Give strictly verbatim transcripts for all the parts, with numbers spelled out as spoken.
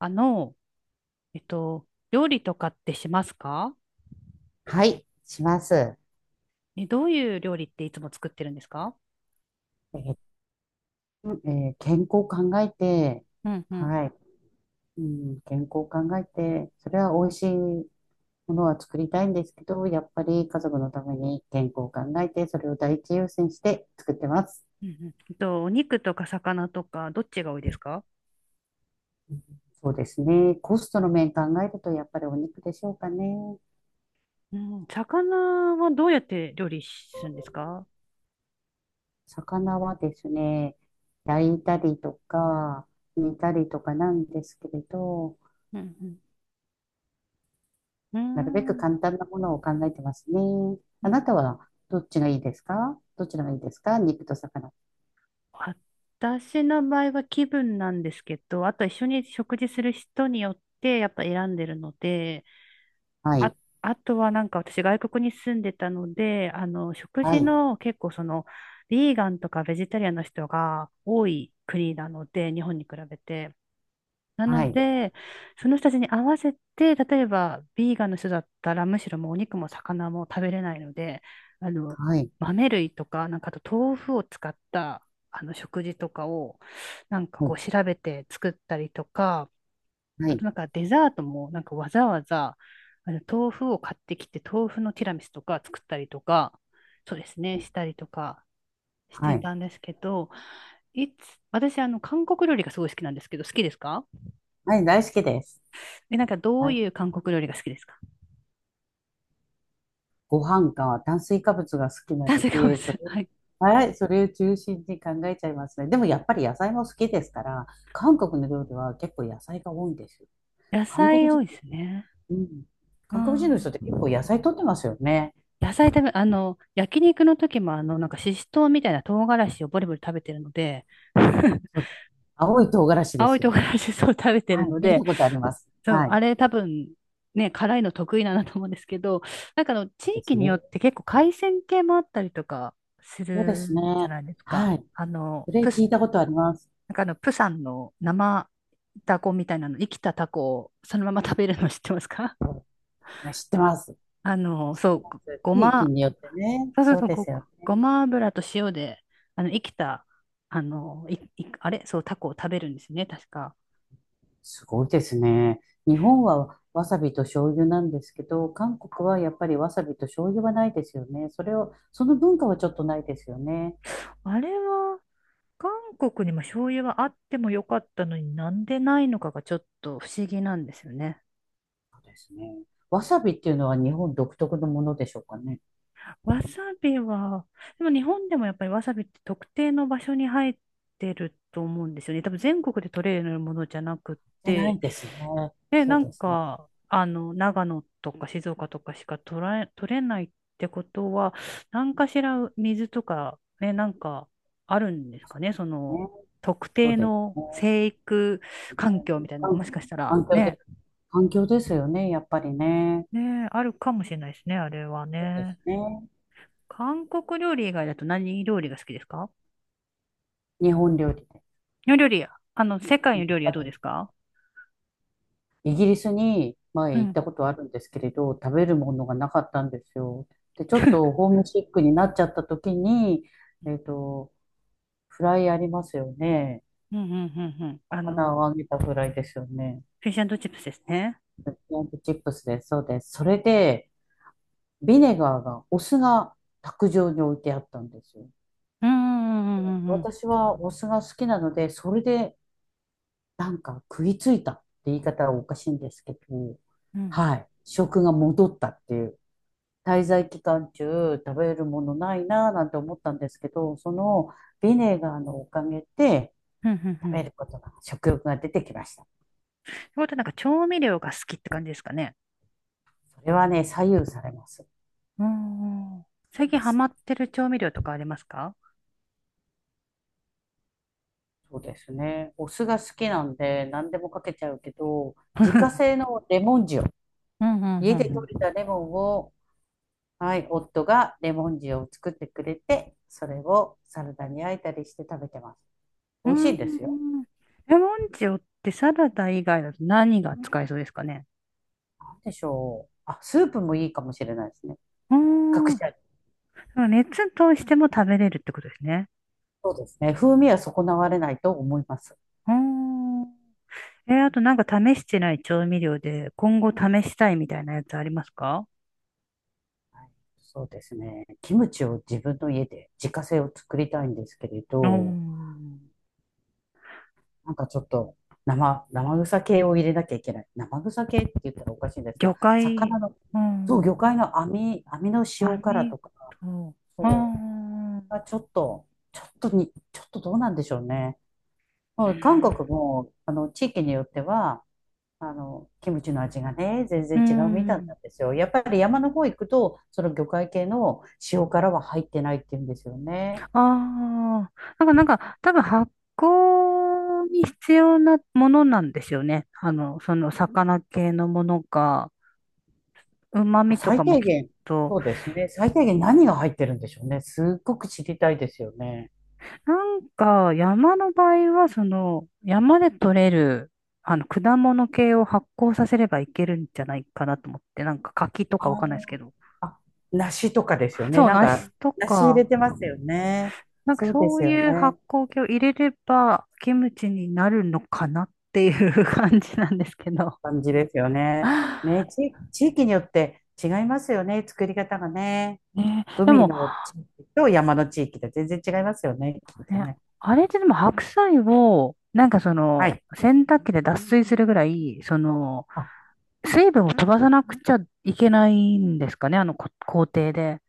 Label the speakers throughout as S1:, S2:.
S1: あの、えっと、料理とかってしますか？
S2: はい、します。え
S1: え、どういう料理っていつも作ってるんですか？
S2: ーえー健康を考えて、
S1: うんうん。
S2: はい、うん、健康を考えて、それは美味しいものは作りたいんですけど、やっぱり家族のために健康を考えて、それを第一優先して作ってます。
S1: うんうん。えっと、お肉とか魚とか、どっちが多いですか？
S2: そうですね。コストの面考えると、やっぱりお肉でしょうかね。
S1: うん、魚はどうやって料理するんですか？
S2: 魚はですね、焼いたりとか、煮たりとかなんですけれど、
S1: うんう
S2: なるべく
S1: ん。う
S2: 簡単なものを考えてますね。
S1: ー
S2: あ
S1: ん。
S2: なたはどっちがいいですか？どちらがいいですか？肉と魚。
S1: 私の場合は気分なんですけど、あと一緒に食事する人によってやっぱ選んでるので、
S2: は
S1: あ、
S2: い。
S1: あとはなんか私外国に住んでたので、あの、食
S2: は
S1: 事
S2: い。
S1: の結構その、ビーガンとかベジタリアンの人が多い国なので、日本に比べて。な
S2: は
S1: の
S2: い。
S1: で、その人たちに合わせて、例えばビーガンの人だったら、むしろもうお肉も魚も食べれないので、あの、
S2: はい。
S1: 豆類とか、なんかあと豆腐を使った、あの食事とかを、なんか
S2: は
S1: こう
S2: い。
S1: 調べて作ったりとか、
S2: は
S1: あ
S2: い。
S1: となんかデザートもなんかわざわざあの豆腐を買ってきて豆腐のティラミスとか作ったりとか、そうですね、したりとかし
S2: は
S1: て
S2: い。
S1: たんですけど、いつ、私あの韓国料理がすごい好きなんですけど、好きですか？
S2: はい。大好きです。
S1: え、なんかど
S2: は
S1: う
S2: い。
S1: いう韓国料理が好きですか？
S2: ご飯か炭水化物が好きな
S1: 炭
S2: の
S1: 水化物
S2: で、それ、
S1: はい。
S2: はい。それを中心に考えちゃいますね。でもやっぱり野菜も好きですから、韓国の料理は結構野菜が多いんですよ。
S1: 野
S2: 韓国
S1: 菜多
S2: 人、
S1: いですね。
S2: うん。
S1: う
S2: 韓国人の人って
S1: ん。
S2: 結構野菜取ってますよね。
S1: 野菜食べ、あの、焼肉の時もあの、なんかししとうみたいな唐辛子をボリボリ食べてるので、
S2: そう。青い唐辛子で
S1: 青い
S2: すよ
S1: 唐
S2: ね。
S1: 辛子そう食べてる
S2: はい、
S1: の
S2: 見
S1: で、
S2: たことあります。
S1: そう、
S2: はい。そ
S1: あれ多分、ね、辛いの得意なんだと思うんですけど、なんかあの、地
S2: うで
S1: 域
S2: す
S1: に
S2: ね。
S1: よって結構海鮮系もあったりとかす
S2: そうで
S1: る
S2: すね。
S1: じゃないですか。
S2: はい。
S1: あの、
S2: それ
S1: プ
S2: 聞
S1: ス、
S2: いたことあります。
S1: なんかあの、プサンの生タコみたいなの、生きたタコをそのまま食べるの知ってますか？
S2: 知ってます。
S1: あの、
S2: 知っ
S1: そ
S2: て
S1: う、
S2: ま
S1: ご
S2: す。
S1: ご
S2: 地域
S1: ま、
S2: によってね。
S1: そうそう
S2: そう
S1: そう、
S2: です
S1: ご、
S2: よね。
S1: ごま油と塩で、あの、生きた、あの、い、い、あれ、そう、タコを食べるんですね、確か。
S2: すごいですね。日本はわさびと醤油なんですけど、韓国はやっぱりわさびと醤油はないですよね。それを、その文化はちょっとないですよね。
S1: あれは、韓国にも醤油はあってもよかったのになんでないのかがちょっと不思議なんですよね。
S2: そうですね。わさびっていうのは日本独特のものでしょうかね。
S1: わさびは、でも日本でもやっぱりわさびって特定の場所に生えてると思うんですよね。多分全国で取れるものじゃなくっ
S2: じゃな
S1: て、
S2: いですね。
S1: で、
S2: そ
S1: な
S2: う
S1: ん
S2: ですね。
S1: か、あの、長野とか静岡とかしか取られ、取れないってことは、何かしら水とか、ね、なんかあるんですかね、そ
S2: ね、
S1: の、特
S2: そ
S1: 定
S2: うです
S1: の
S2: ね。
S1: 生育環境みたいなのが
S2: 環
S1: もしかしたら
S2: 環境で
S1: ね、
S2: す。環境ですよね、やっぱりね。
S1: ね、あるかもしれないですね、あれは
S2: そうで
S1: ね。
S2: すね。
S1: 韓国料理以外だと何料理が好きですか？
S2: 日本料理
S1: の料理や、あの、世界
S2: で。
S1: の
S2: やっ
S1: 料理
S2: ぱ
S1: はどうで
S2: り、
S1: すか？
S2: イギリスに
S1: う
S2: 前行っ
S1: ん。
S2: たことあるんですけれど、食べるものがなかったんですよ。で、ちょっと ホームシックになっちゃった時に、えっと、フライありますよね。
S1: うんうんうんうん。あ
S2: 魚
S1: の、
S2: を揚げたフライですよね。
S1: フィッシュチップスですね。
S2: ポンプチップスです。そうです。それで、ビネガーが、お酢が卓上に置いてあったんですよ。
S1: うんうんうんうんうん。
S2: 私はお酢が好きなので、それでなんか食いついたって言い方はおかしいんですけど、
S1: うんう
S2: は
S1: ん。
S2: い、食が戻ったっていう。滞在期間中食べるものないなぁなんて思ったんですけど、そのビネガーのおかげで
S1: うんうんう
S2: 食
S1: ん。っ
S2: べることが、食欲が出てきました。
S1: てことはなんか調味料が好きって感じですかね？
S2: それはね、左右されます。
S1: うん。
S2: そう
S1: 最近
S2: で
S1: ハ
S2: す。
S1: マってる調味料とかありますか？
S2: そうですね。お酢が好きなんで何でもかけちゃうけど、
S1: う
S2: 自家
S1: ん
S2: 製のレモン塩。
S1: うんう
S2: 家で採
S1: ん
S2: れ
S1: うん。
S2: たレモンをはい、夫がレモン塩を作ってくれて、それをサラダに焼いたりして食べてます。
S1: う
S2: 美味し
S1: んう
S2: いですよ。
S1: んうん。レモン塩ってサラダ以外だと何が使えそうですかね？
S2: なんでしょう。あ、スープもいいかもしれないですね。
S1: う
S2: 隠
S1: ん。
S2: し味。
S1: 熱通しても食べれるってことですね。
S2: そうですね。風味は損なわれないと思います。
S1: うーん。えーあとなんか試してない調味料で今後試したいみたいなやつありますか？
S2: はい、そうですね。キムチを自分の家で自家製を作りたいんですけれ
S1: うー
S2: ど、
S1: ん。
S2: なんかちょっと生、生臭系を入れなきゃいけない。生臭系って言ったらおかしいんですけ
S1: 魚
S2: ど、
S1: 介、
S2: 魚の、
S1: う
S2: そ
S1: ん
S2: う、
S1: ん。
S2: 魚介の網、網の塩辛
S1: 網
S2: とか、
S1: と、うー
S2: そう。
S1: ん。う
S2: あちょっと、ちょっとに、ちょっとどうなんでしょうね。もう韓国も、あの、地域によっては、あの、キムチの味がね、全
S1: ー
S2: 然違うみたい
S1: ん。
S2: なんですよ。やっぱり山の方行くと、その魚介系の塩辛は入ってないって言うんですよね。
S1: ああ。なんかなんか多分発酵に必要なものなんですよね。あの、その魚系のものが、旨
S2: あ
S1: 味と
S2: 最
S1: かも
S2: 低
S1: きっ
S2: 限、
S1: と
S2: そうですね。最低限何が入ってるんでしょうね。すっごく知りたいですよね。
S1: なんか、山の場合は、その、山で採れる、あの、果物系を発酵させればいけるんじゃないかなと思って、なんか柿と
S2: あ
S1: かわかんないです
S2: ー、
S1: けど、
S2: あ梨とかですよね。
S1: そう、
S2: なんか、
S1: 梨と
S2: 梨入
S1: か、
S2: れてますよね。
S1: なんか
S2: そうで
S1: そ
S2: す
S1: う
S2: よ
S1: いう
S2: ね。
S1: 発酵系を入れれば、キムチになるのかなっていう 感じなんですけど。
S2: 感じですよね。ね、地、地域によって違いますよね、作り方がね。
S1: ね、で
S2: 海
S1: も、
S2: の地域と山の地域で全然違いますよね、きっと
S1: ね、
S2: ね。
S1: あれってでも白菜を、なんかそ
S2: は
S1: の、
S2: い。
S1: 洗濯機で脱水するぐらい、その、
S2: あ、
S1: 水分を飛ばさなくちゃいけないんですかね、あのこ工程で。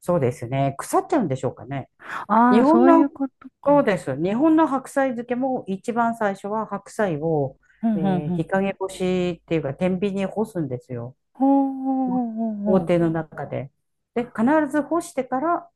S2: そうですね。腐っちゃうんでしょうかね。
S1: あ
S2: 日
S1: あ、
S2: 本
S1: そうい
S2: の、
S1: うこと
S2: そう
S1: か。
S2: です。日本の白菜漬けも一番最初は白菜を、
S1: うん、う
S2: え
S1: ん、
S2: ー日
S1: うん。
S2: 陰干しっていうか天秤に干すんですよ。
S1: ほうほうほう
S2: 工
S1: ほう
S2: 程の中で。で、必ず干してから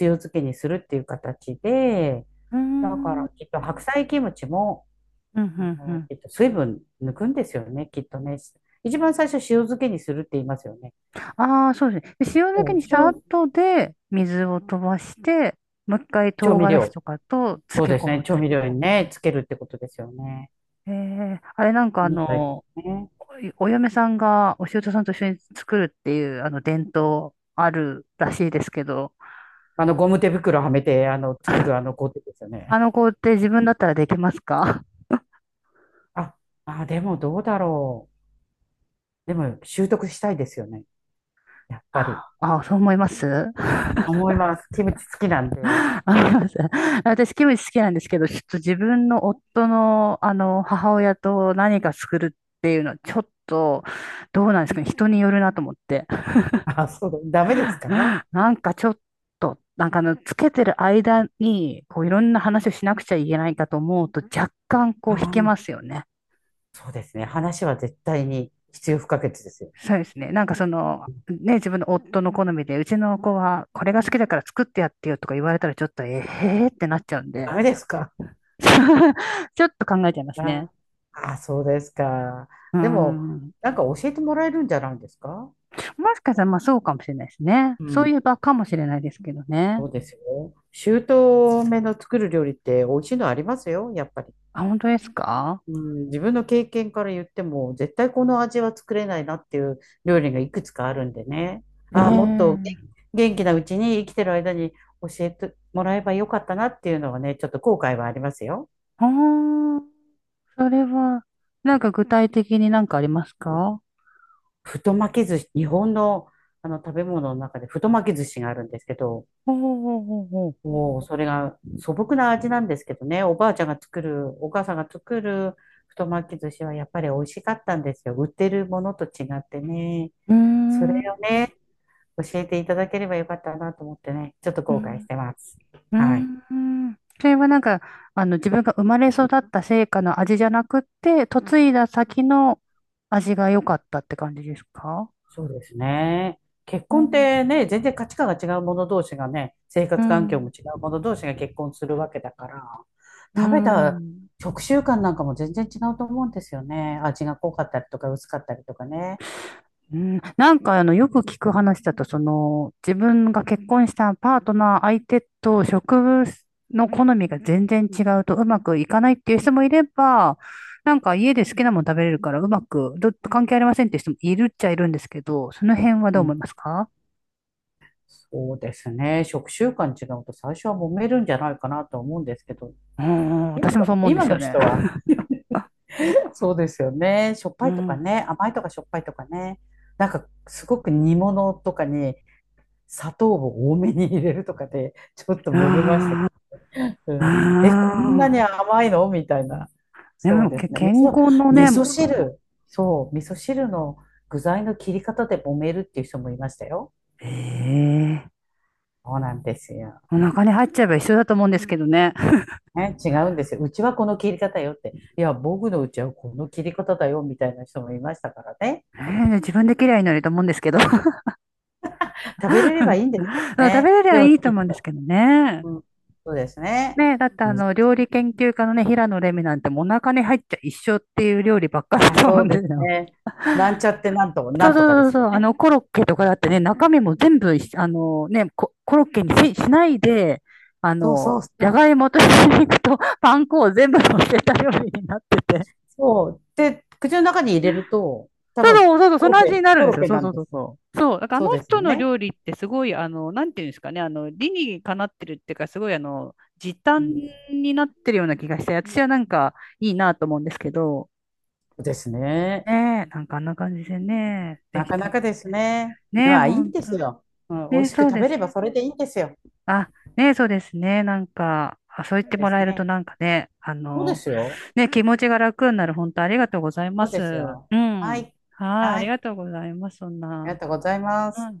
S2: 塩漬けにするっていう形で、
S1: うー
S2: だか
S1: ん。うん、
S2: らきっと白菜キムチも、
S1: うん、う
S2: あの、
S1: ん。
S2: きっと水分抜くんですよね、きっとね。一番最初塩漬けにするって言いますよね。
S1: ああ、そうですね。で塩漬
S2: そ
S1: け
S2: う。
S1: にした
S2: 塩、
S1: 後で、水を飛ばして、もう一回
S2: 調
S1: 唐
S2: 味
S1: 辛子
S2: 料。
S1: とかと漬
S2: そう
S1: け
S2: です
S1: 込
S2: ね、
S1: む
S2: 調
S1: と。
S2: 味料にね、つけるってことですよね。
S1: ええあれなんかあ
S2: みたいで
S1: の、
S2: すね。
S1: おお嫁さんがお舅さんと一緒に作るっていう、あの伝統あるらしいですけど、
S2: あの、ゴム手袋はめて、あの、作るあの工程ですよ
S1: あ
S2: ね。
S1: の工程自分だったらできますか？
S2: あ、あ、でもどうだろう。でも習得したいですよね。やっぱり。
S1: ああ、そう思います。
S2: 思います。キムチ好きなんで。
S1: あ 思います。私、キムチ好きなんですけど、ちょっと自分の夫の、あの、母親と何か作るっていうのは、ちょっと、どうなんですかね。人によるなと思って。
S2: あ、そう、ダメですか？
S1: なんかちょっと、なんかあの、つけてる間に、こう、いろんな話をしなくちゃいけないかと思うと、若干、こ
S2: あ
S1: う、引
S2: あ
S1: け
S2: ー、
S1: ますよね。
S2: そうですね。話は絶対に必要不可欠ですよ。
S1: そうですね。なんかその、ね、自分の夫の好みで、うちの子は、これが好きだから作ってやってよとか言われたら、ちょっと、えー、へーってなっちゃうん
S2: ダ
S1: で。
S2: メですか？
S1: ちょっと考えちゃいますね。
S2: ああそうですか。
S1: う
S2: でも、
S1: ん。
S2: なんか教えてもらえるんじゃないですか？
S1: もしかしたら、まあそうかもしれないですね。
S2: う
S1: そうい
S2: ん。
S1: えばかもしれないですけどね。
S2: そうですよ。姑の作る料理って美味しいのありますよ、やっぱり。
S1: あ、本当ですか？
S2: うん、自分の経験から言っても、絶対この味は作れないなっていう料理がいくつかあるんでね。ああ、もっと
S1: ええ、
S2: 元元気なうちに生きてる間に教えてもらえばよかったなっていうのはね、ちょっと後悔はありますよ。
S1: ああー、それは、なんか具体的になんかありますか？
S2: 太巻き寿司、日本の、あの食べ物の中で太巻き寿司があるんですけど、
S1: ほうほうほうほう。
S2: もうそれが素朴な味なんですけどね、おばあちゃんが作る、お母さんが作る太巻き寿司はやっぱり美味しかったんですよ。売ってるものと違ってね。
S1: うー
S2: そ
S1: ん。う
S2: れをね、教えていただければよかったなと思ってね、ちょっと
S1: ー
S2: 後悔し
S1: ん。
S2: てます。
S1: う
S2: はい。
S1: ーん、それはなんか、あの、自分が生まれ育った成果の味じゃなくて、嫁いだ先の味が良かったって感じですか？
S2: そうですね。結
S1: う
S2: 婚って
S1: ん。
S2: ね、全然価値観が違う者同士がね、生
S1: う
S2: 活環境も
S1: ん。
S2: 違う者同士が結婚するわけだから、
S1: う
S2: 食べた
S1: ん。
S2: 食習慣なんかも全然違うと思うんですよね。味が濃かったりとか薄かったりとかね。
S1: うん、なんかあの、よく聞く話だと、その、自分が結婚したパートナー相手と植物の好みが全然違うとうまくいかないっていう人もいれば、なんか家で好きなもの食べれるからうまく、ど、関係ありませんっていう人もいるっちゃいるんですけど、その辺はどう思いますか？
S2: そうですね。食習慣違うと最初は揉めるんじゃないかなと思うんですけど、
S1: うん、
S2: 今
S1: 私も
S2: の、
S1: そう思うんで
S2: 今
S1: す
S2: の
S1: よね。
S2: 人は そうですよね。しょっぱ
S1: う
S2: いとか
S1: ん。
S2: ね、甘いとかしょっぱいとかね。なんかすごく煮物とかに砂糖を多めに入れるとかで、ちょっと揉めました
S1: あ
S2: けど、う
S1: あ、
S2: ん、え、こ
S1: あ
S2: んな
S1: あ。
S2: に甘いのみたいな。
S1: で
S2: そう
S1: も、
S2: で
S1: け
S2: すね。味
S1: 健
S2: 噌、
S1: 康の
S2: 味
S1: ね、
S2: 噌汁。そう、味噌汁の具材の切り方で揉めるっていう人もいましたよ。
S1: ええ
S2: そうなんですよ。
S1: お腹に入っちゃえば一緒だと思うんですけどね。
S2: ね、違うんですよ。うちはこの切り方よって。いや、僕のうちはこの切り方だよみたいな人もいましたからね。
S1: ええ自分で嫌いになると思うんですけど。
S2: 食べれればいいんですけど
S1: そう、食べ
S2: ね。
S1: れり
S2: で
S1: ゃ
S2: も
S1: いいと
S2: きっ
S1: 思うんです
S2: と、
S1: けどね。
S2: うん、そうですね。
S1: ね、だってあ
S2: むず
S1: の、料理研究家のね、平野レミなんてもうお腹に入っちゃ一緒っていう料理ばっかりだ
S2: あ、
S1: と思う
S2: そう
S1: んで
S2: で
S1: す
S2: す
S1: よ。
S2: ね。なんちゃってなんと、
S1: そ
S2: な
S1: う
S2: ん
S1: そ
S2: とか
S1: う
S2: で
S1: そう
S2: す
S1: そ
S2: よ
S1: う、あ
S2: ね。
S1: の、コロッケと
S2: う
S1: かだって
S2: ん、
S1: ね、中身も全部一緒、あのね、コ、コロッケにし、しないで、あ
S2: そう
S1: の、
S2: そう
S1: じゃ
S2: そ
S1: が
S2: う。
S1: いもとひき肉とパン粉を全部乗せた料理になってて、
S2: そう。で、口の中に入れると、多
S1: そう
S2: 分、
S1: そうそう、そ
S2: コ
S1: の
S2: ロッ
S1: 味に
S2: ケ、
S1: なる
S2: コ
S1: んで
S2: ロ
S1: す
S2: ッ
S1: よ。
S2: ケ
S1: そう
S2: な
S1: そ
S2: ん
S1: う
S2: で
S1: そう
S2: す。
S1: そう。そう、だからあ
S2: そう
S1: の
S2: です
S1: 人
S2: よ
S1: の
S2: ね。
S1: 料理ってすごい、あの、なんていうんですかね、あの、理にかなってるっていうか、すごい、あの、時
S2: う
S1: 短
S2: ん。
S1: になってるような気がして、私はなんかいいなと思うんですけど、
S2: ですね。
S1: ねえ、なんかあんな感じでね、で
S2: な
S1: き
S2: か
S1: た
S2: なか
S1: ら
S2: です
S1: ね。
S2: ね。
S1: ね
S2: で
S1: え、
S2: は、いい
S1: ほ
S2: ん
S1: ん
S2: で
S1: と。
S2: すよ。うん、美
S1: ね
S2: 味
S1: え、
S2: しく
S1: そう
S2: 食
S1: で
S2: べ
S1: す。
S2: ればそれでいいんですよ。
S1: あ、ねえ、そうですね。なんか、あ、そう言って
S2: で
S1: も
S2: す
S1: らえると
S2: ね。
S1: なんかね、あ
S2: そうで
S1: の、
S2: すよ。
S1: ね、気持ちが楽になる。本当ありがとうございま
S2: そうです
S1: す。
S2: よ。
S1: う
S2: は
S1: ん。
S2: い。
S1: はい、あ
S2: は
S1: り
S2: い。
S1: がとうございます。そん
S2: あり
S1: な。
S2: がとうございま
S1: う
S2: す。
S1: ん。